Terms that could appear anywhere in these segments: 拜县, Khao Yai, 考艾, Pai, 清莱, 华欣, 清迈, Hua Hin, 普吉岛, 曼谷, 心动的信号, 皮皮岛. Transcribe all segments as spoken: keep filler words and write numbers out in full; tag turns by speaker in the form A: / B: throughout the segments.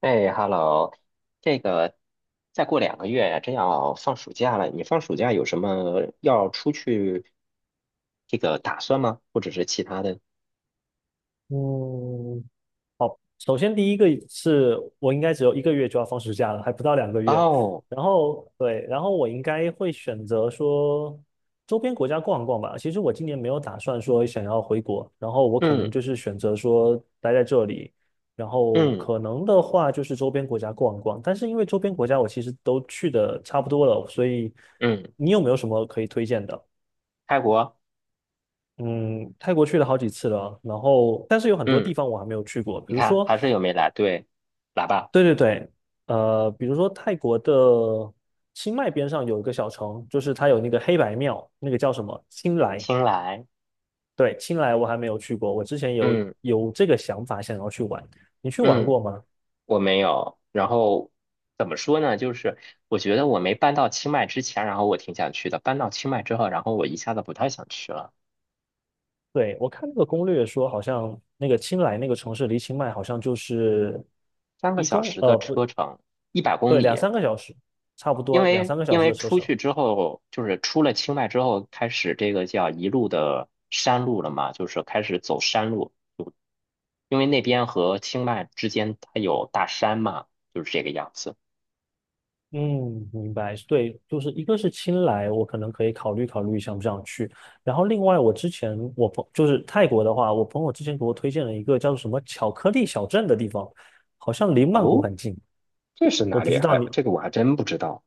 A: 哎，Hello，这个再过两个月真要放暑假了，你放暑假有什么要出去这个打算吗？或者是其他的？
B: 嗯，首先第一个是我应该只有一个月就要放暑假了，还不到两个月。
A: 哦，
B: 然后对，然后我应该会选择说周边国家逛一逛吧。其实我今年没有打算说想要回国，然后我可能
A: 嗯
B: 就是选择说待在这里，然后
A: 嗯
B: 可能的话就是周边国家逛一逛。但是因为周边国家我其实都去的差不多了，所以
A: 嗯，
B: 你有没有什么可以推荐的？
A: 泰国，
B: 嗯，泰国去了好几次了，然后但是有很多
A: 嗯，
B: 地方我还没有去过，比
A: 你
B: 如
A: 看
B: 说。
A: 还是有没来？对，来吧，
B: 对对对，呃，比如说泰国的清迈边上有一个小城，就是它有那个黑白庙，那个叫什么清莱。
A: 新来，
B: 对，清莱我还没有去过，我之前有
A: 嗯
B: 有这个想法想要去玩，你去玩
A: 嗯，
B: 过吗？
A: 我没有。然后怎么说呢？就是我觉得我没搬到清迈之前，然后我挺想去的；搬到清迈之后，然后我一下子不太想去了。
B: 对，我看那个攻略说，好像那个清莱那个城市离清迈好像就是
A: 三个
B: 一
A: 小
B: 公
A: 时
B: 呃
A: 的
B: 不
A: 车程，一百公
B: 对两
A: 里。
B: 三个小时，差不
A: 因
B: 多两
A: 为
B: 三个小
A: 因
B: 时的
A: 为
B: 车
A: 出
B: 程。
A: 去之后，就是出了清迈之后，开始这个叫一路的山路了嘛，就是开始走山路。因为那边和清迈之间它有大山嘛，就是这个样子。
B: 嗯，明白。对，就是一个是青莱，我可能可以考虑考虑想不想去。然后另外，我之前我朋就是泰国的话，我朋友之前给我推荐了一个叫做什么巧克力小镇的地方，好像离曼谷
A: 哦，
B: 很近。
A: 这是
B: 我
A: 哪
B: 不
A: 里
B: 知
A: 啊？
B: 道
A: 还
B: 你，
A: 这个我还真不知道，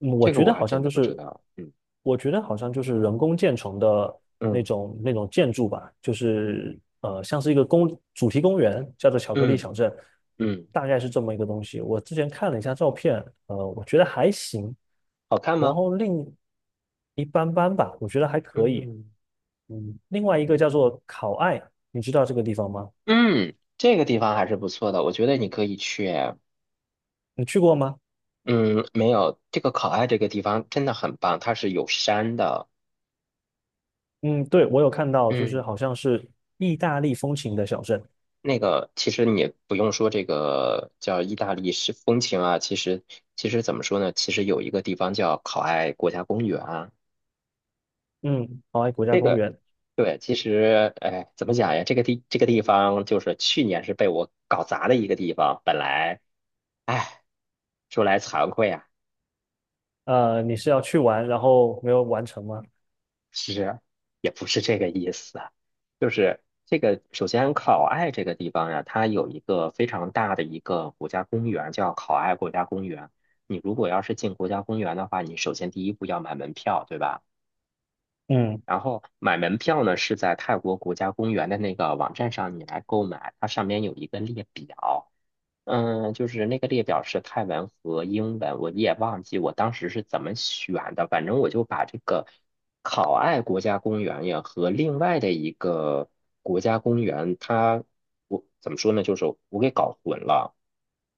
B: 嗯我
A: 这个
B: 觉得
A: 我还
B: 好
A: 真
B: 像就
A: 的不知
B: 是，
A: 道。嗯
B: 我觉得好像就是人工建成的那
A: 嗯
B: 种那种建筑吧，就是呃，像是一个公主题公园，叫做巧克力
A: 嗯
B: 小镇，
A: 嗯
B: 大概是这么一个东西。我之前看了一下照片，呃，我觉得还行，
A: 好看
B: 然
A: 吗？
B: 后另一般般吧，我觉得还可以。
A: 嗯
B: 嗯，另外一个叫做考爱，你知道这个地方吗？
A: 嗯，这个地方还是不错的，我觉得你可以去。
B: 你去过吗？
A: 嗯，没有，这个考爱这个地方真的很棒，它是有山的。
B: 嗯，对，我有看到，就是
A: 嗯，
B: 好像是意大利风情的小镇。
A: 那个其实你不用说这个叫意大利式风情啊，其实其实怎么说呢？其实有一个地方叫考爱国家公园啊，
B: 嗯，考爱国家
A: 这
B: 公
A: 个
B: 园。
A: 对，其实哎，怎么讲呀？这个地这个地方就是去年是被我搞砸的一个地方，本来哎，说来惭愧啊。
B: 呃，你是要去玩，然后没有完成吗？
A: 是，也不是这个意思啊，就是这个首先考爱这个地方呀，它有一个非常大的一个国家公园叫考爱国家公园。你如果要是进国家公园的话，你首先第一步要买门票，对吧？
B: 嗯，
A: 然后买门票呢是在泰国国家公园的那个网站上你来购买，它上面有一个列表，嗯，就是那个列表是泰文和英文，我也忘记我当时是怎么选的。反正我就把这个考爱国家公园呀和另外的一个国家公园，它我怎么说呢？就是我给搞混了。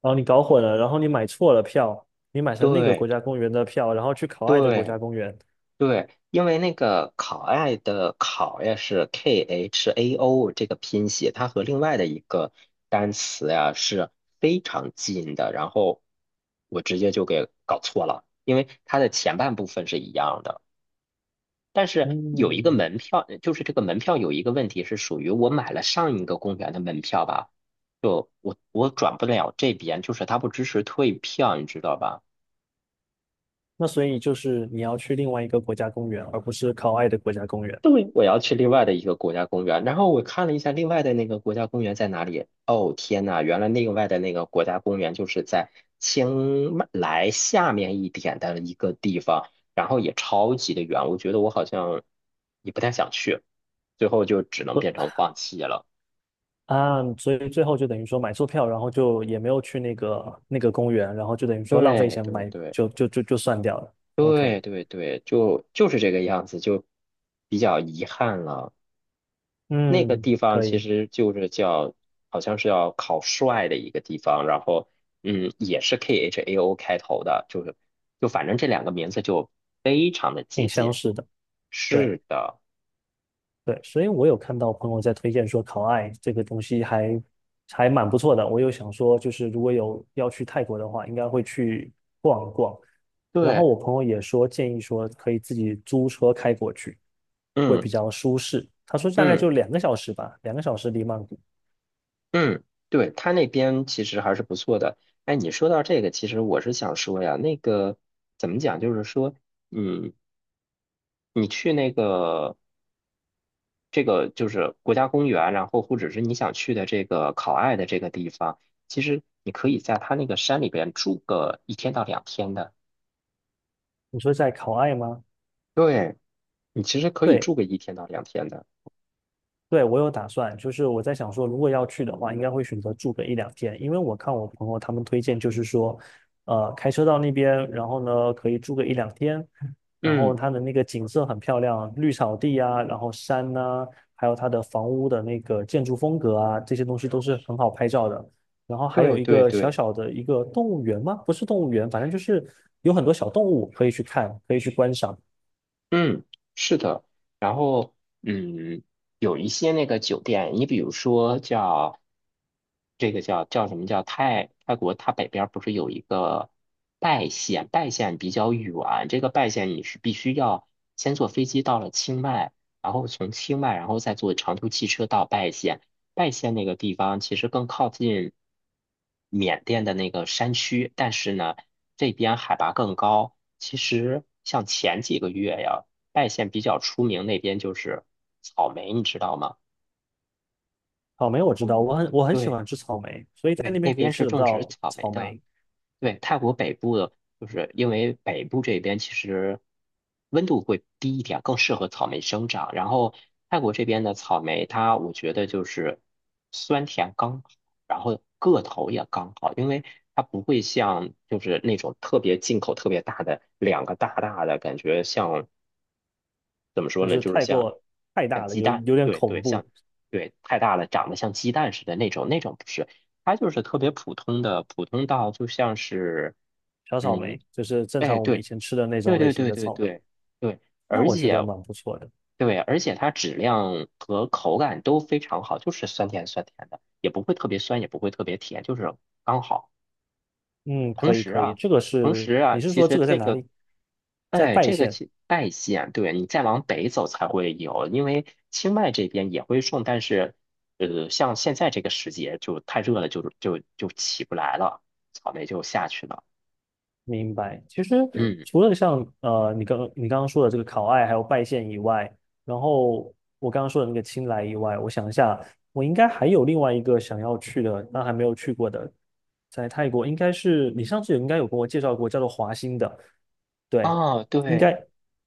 B: 然后你搞混了，然后你买错了票，你买成那个国
A: 对
B: 家公园的票，然后去考爱的国
A: 对，
B: 家公园，
A: 对，因为那个考爱的考呀是 K H A O 这个拼写，它和另外的一个单词呀是非常近的，然后我直接就给搞错了，因为它的前半部分是一样的，但是有一个
B: 嗯，
A: 门票，就是这个门票有一个问题是属于我买了上一个公园的门票吧，就我我转不了这边，就是它不支持退票，你知道吧？
B: 那所以就是你要去另外一个国家公园，而不是考爱的国家公园。
A: 对，我要去另外的一个国家公园，然后我看了一下另外的那个国家公园在哪里。哦，天呐，原来另外的那个国家公园就是在清迈来下面一点的一个地方，然后也超级的远，我觉得我好像也不太想去，最后就只能
B: 呃
A: 变成放弃了。
B: 啊，所以最后就等于说买错票，然后就也没有去那个那个公园，然后就等于说浪费
A: 对
B: 钱
A: 对
B: 买，
A: 对
B: 就就就就算掉了。OK，
A: 对对对，就就是这个样子，就比较遗憾了。那个
B: 嗯，
A: 地方
B: 可
A: 其
B: 以，
A: 实就是叫，好像是要考帅的一个地方，然后嗯，也是 K H A O 开头的，就是就反正这两个名字就非常的
B: 挺
A: 接
B: 相
A: 近。
B: 似的。对。
A: 是的，
B: 对，所以我有看到朋友在推荐说烤艾这个东西还还蛮不错的，我又想说就是如果有要去泰国的话，应该会去逛一逛。然后
A: 对，
B: 我朋友也说建议说可以自己租车开过去，会比
A: 嗯
B: 较舒适。他说大概
A: 嗯
B: 就两个小时吧，两个小时离曼谷。
A: 嗯，对，他那边其实还是不错的。哎，你说到这个，其实我是想说呀，那个怎么讲，就是说，嗯。你去那个这个就是国家公园，然后或者是你想去的这个考爱的这个地方，其实你可以在它那个山里边住个一天到两天的。
B: 你说在考艾吗？
A: 对，你其实可以
B: 对，
A: 住个一天到两天的。
B: 对，我有打算，就是我在想说，如果要去的话，应该会选择住个一两天，因为我看我朋友他们推荐，就是说，呃，开车到那边，然后呢，可以住个一两天，然后
A: 嗯，
B: 它的那个景色很漂亮，绿草地啊，然后山呐、还有它的房屋的那个建筑风格啊，这些东西都是很好拍照的。然后还有
A: 对
B: 一
A: 对
B: 个小
A: 对。
B: 小的一个动物园吗？不是动物园，反正就是有很多小动物可以去看，可以去观赏。
A: 嗯，是的。然后，嗯，有一些那个酒店，你比如说叫这个叫叫什么叫泰泰国，它北边儿不是有一个拜县，拜县比较远，这个拜县你是必须要先坐飞机到了清迈，然后从清迈，然后再坐长途汽车到拜县。拜县那个地方其实更靠近缅甸的那个山区，但是呢，这边海拔更高。其实像前几个月呀。外县比较出名，那边就是草莓，你知道吗？
B: 草莓我知道，我很我很喜
A: 对
B: 欢吃草莓，所以在那
A: 对，
B: 边
A: 那
B: 可以
A: 边
B: 吃
A: 是
B: 得
A: 种植
B: 到
A: 草莓
B: 草
A: 的。
B: 莓，
A: 对，泰国北部的，就是因为北部这边其实温度会低一点，更适合草莓生长。然后泰国这边的草莓，它我觉得就是酸甜刚好，然后个头也刚好，因为它不会像就是那种特别进口特别大的两个大大的感觉像，怎么说
B: 就
A: 呢，
B: 是
A: 就是
B: 太
A: 像
B: 过太
A: 像
B: 大了，
A: 鸡
B: 有
A: 蛋，
B: 有点
A: 对
B: 恐
A: 对，像
B: 怖。
A: 对太大了，长得像鸡蛋似的那种，那种不是，它就是特别普通的，普通到就像是，
B: 小草
A: 嗯，
B: 莓就是正
A: 哎，
B: 常我们以
A: 对
B: 前吃的那
A: 对
B: 种类
A: 对
B: 型
A: 对
B: 的
A: 对
B: 草莓，
A: 对对，
B: 那
A: 而
B: 我觉得
A: 且
B: 蛮不错的。
A: 对，而且它质量和口感都非常好，就是酸甜酸甜的，也不会特别酸，也不会特别甜，就是刚好。
B: 嗯，
A: 同
B: 可以
A: 时
B: 可以，
A: 啊，
B: 这个
A: 同
B: 是
A: 时啊，
B: 你是
A: 其
B: 说这
A: 实
B: 个在
A: 这
B: 哪
A: 个
B: 里？在
A: 哎，
B: 拜
A: 这个
B: 县
A: 其拜县，对，你再往北走才会有，因为清迈这边也会种，但是，呃，像现在这个时节就太热了，就就就起不来了，草莓就下去了。
B: 明白。其实
A: 嗯，
B: 除了像呃，你刚你刚刚说的这个考爱还有拜县以外，然后我刚刚说的那个青莱以外，我想一下，我应该还有另外一个想要去的，但还没有去过的，在泰国应该是你上次也应该有跟我介绍过，叫做华欣的。对，
A: 哦，
B: 应
A: 对，
B: 该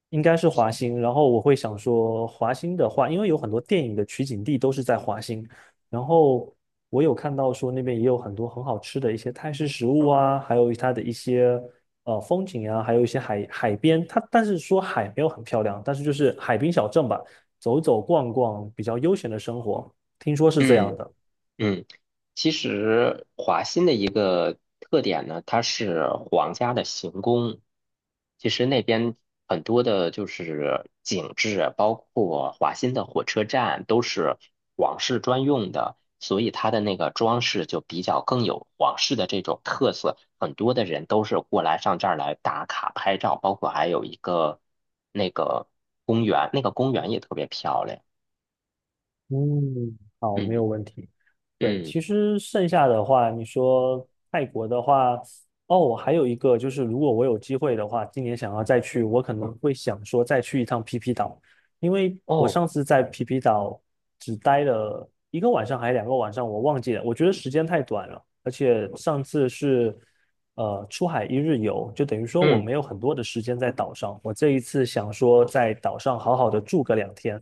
B: 应该是华欣。然后我会想说，华欣的话，因为有很多电影的取景地都是在华欣。然后我有看到说那边也有很多很好吃的一些泰式食物啊，还有它的一些呃风景啊，还有一些海海边。它但是说海没有很漂亮，但是就是海滨小镇吧，走走逛逛，比较悠闲的生活，听说是这样
A: 嗯。
B: 的。
A: 嗯，其实华欣的一个特点呢，它是皇家的行宫。其实那边很多的就是景致，包括华欣的火车站都是皇室专用的，所以它的那个装饰就比较更有皇室的这种特色。很多的人都是过来上这儿来打卡拍照，包括还有一个那个公园，那个公园也特别漂亮。
B: 嗯，好，没有
A: 嗯
B: 问题。对，
A: 嗯，
B: 其实剩下的话，你说泰国的话，哦，我还有一个就是，如果我有机会的话，今年想要再去，我可能会想说再去一趟皮皮岛，因为我
A: 哦，
B: 上次在皮皮岛只待了一个晚上还是两个晚上，我忘记了，我觉得时间太短了，而且上次是呃出海一日游，就等于说我
A: 嗯
B: 没有很多的时间在岛上，我这一次想说在岛上好好的住个两天。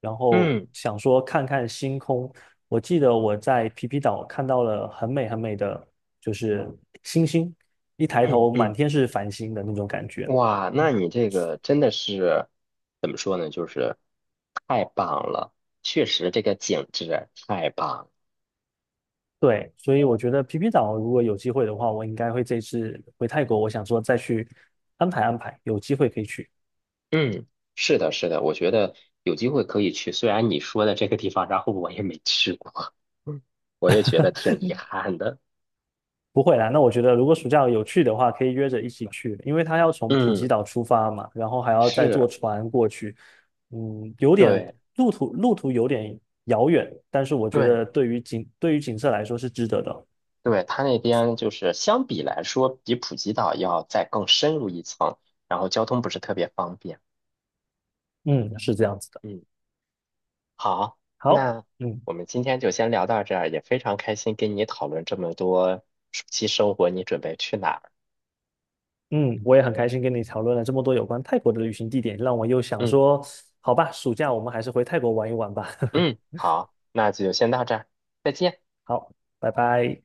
B: 然后
A: 嗯。
B: 想说看看星空。我记得我在皮皮岛看到了很美很美的，就是星星，一抬
A: 嗯
B: 头满
A: 嗯，
B: 天是繁星的那种感觉。
A: 哇，那你这个真的是怎么说呢？就是太棒了，确实这个景致太棒。
B: 对，所以我觉得皮皮岛如果有机会的话，我应该会这次回泰国，我想说再去安排安排，有机会可以去。
A: 嗯，是的，是的，我觉得有机会可以去，虽然你说的这个地方，然后我也没去过，我也觉得挺遗憾的。
B: 不会啦，那我觉得如果暑假有去的话，可以约着一起去，因为他要从普吉
A: 嗯，
B: 岛出发嘛，然后还要再坐
A: 是，
B: 船过去，嗯，有点
A: 对
B: 路途路途有点遥远，但是我觉
A: 对
B: 得对于景对于景色来说是值得的，
A: 对，它那边就是相比来说，比普吉岛要再更深入一层，然后交通不是特别方便。
B: 嗯，是这样子的。
A: 嗯。好，
B: 好，
A: 那
B: 嗯
A: 我们今天就先聊到这儿，也非常开心跟你讨论这么多暑期生活，你准备去哪儿？
B: 嗯，我也很开心跟你讨论了这么多有关泰国的旅行地点，让我又想
A: 嗯
B: 说，好吧，暑假我们还是回泰国玩一玩吧。
A: 嗯，好，那就先到这儿，再见。
B: 好，拜拜。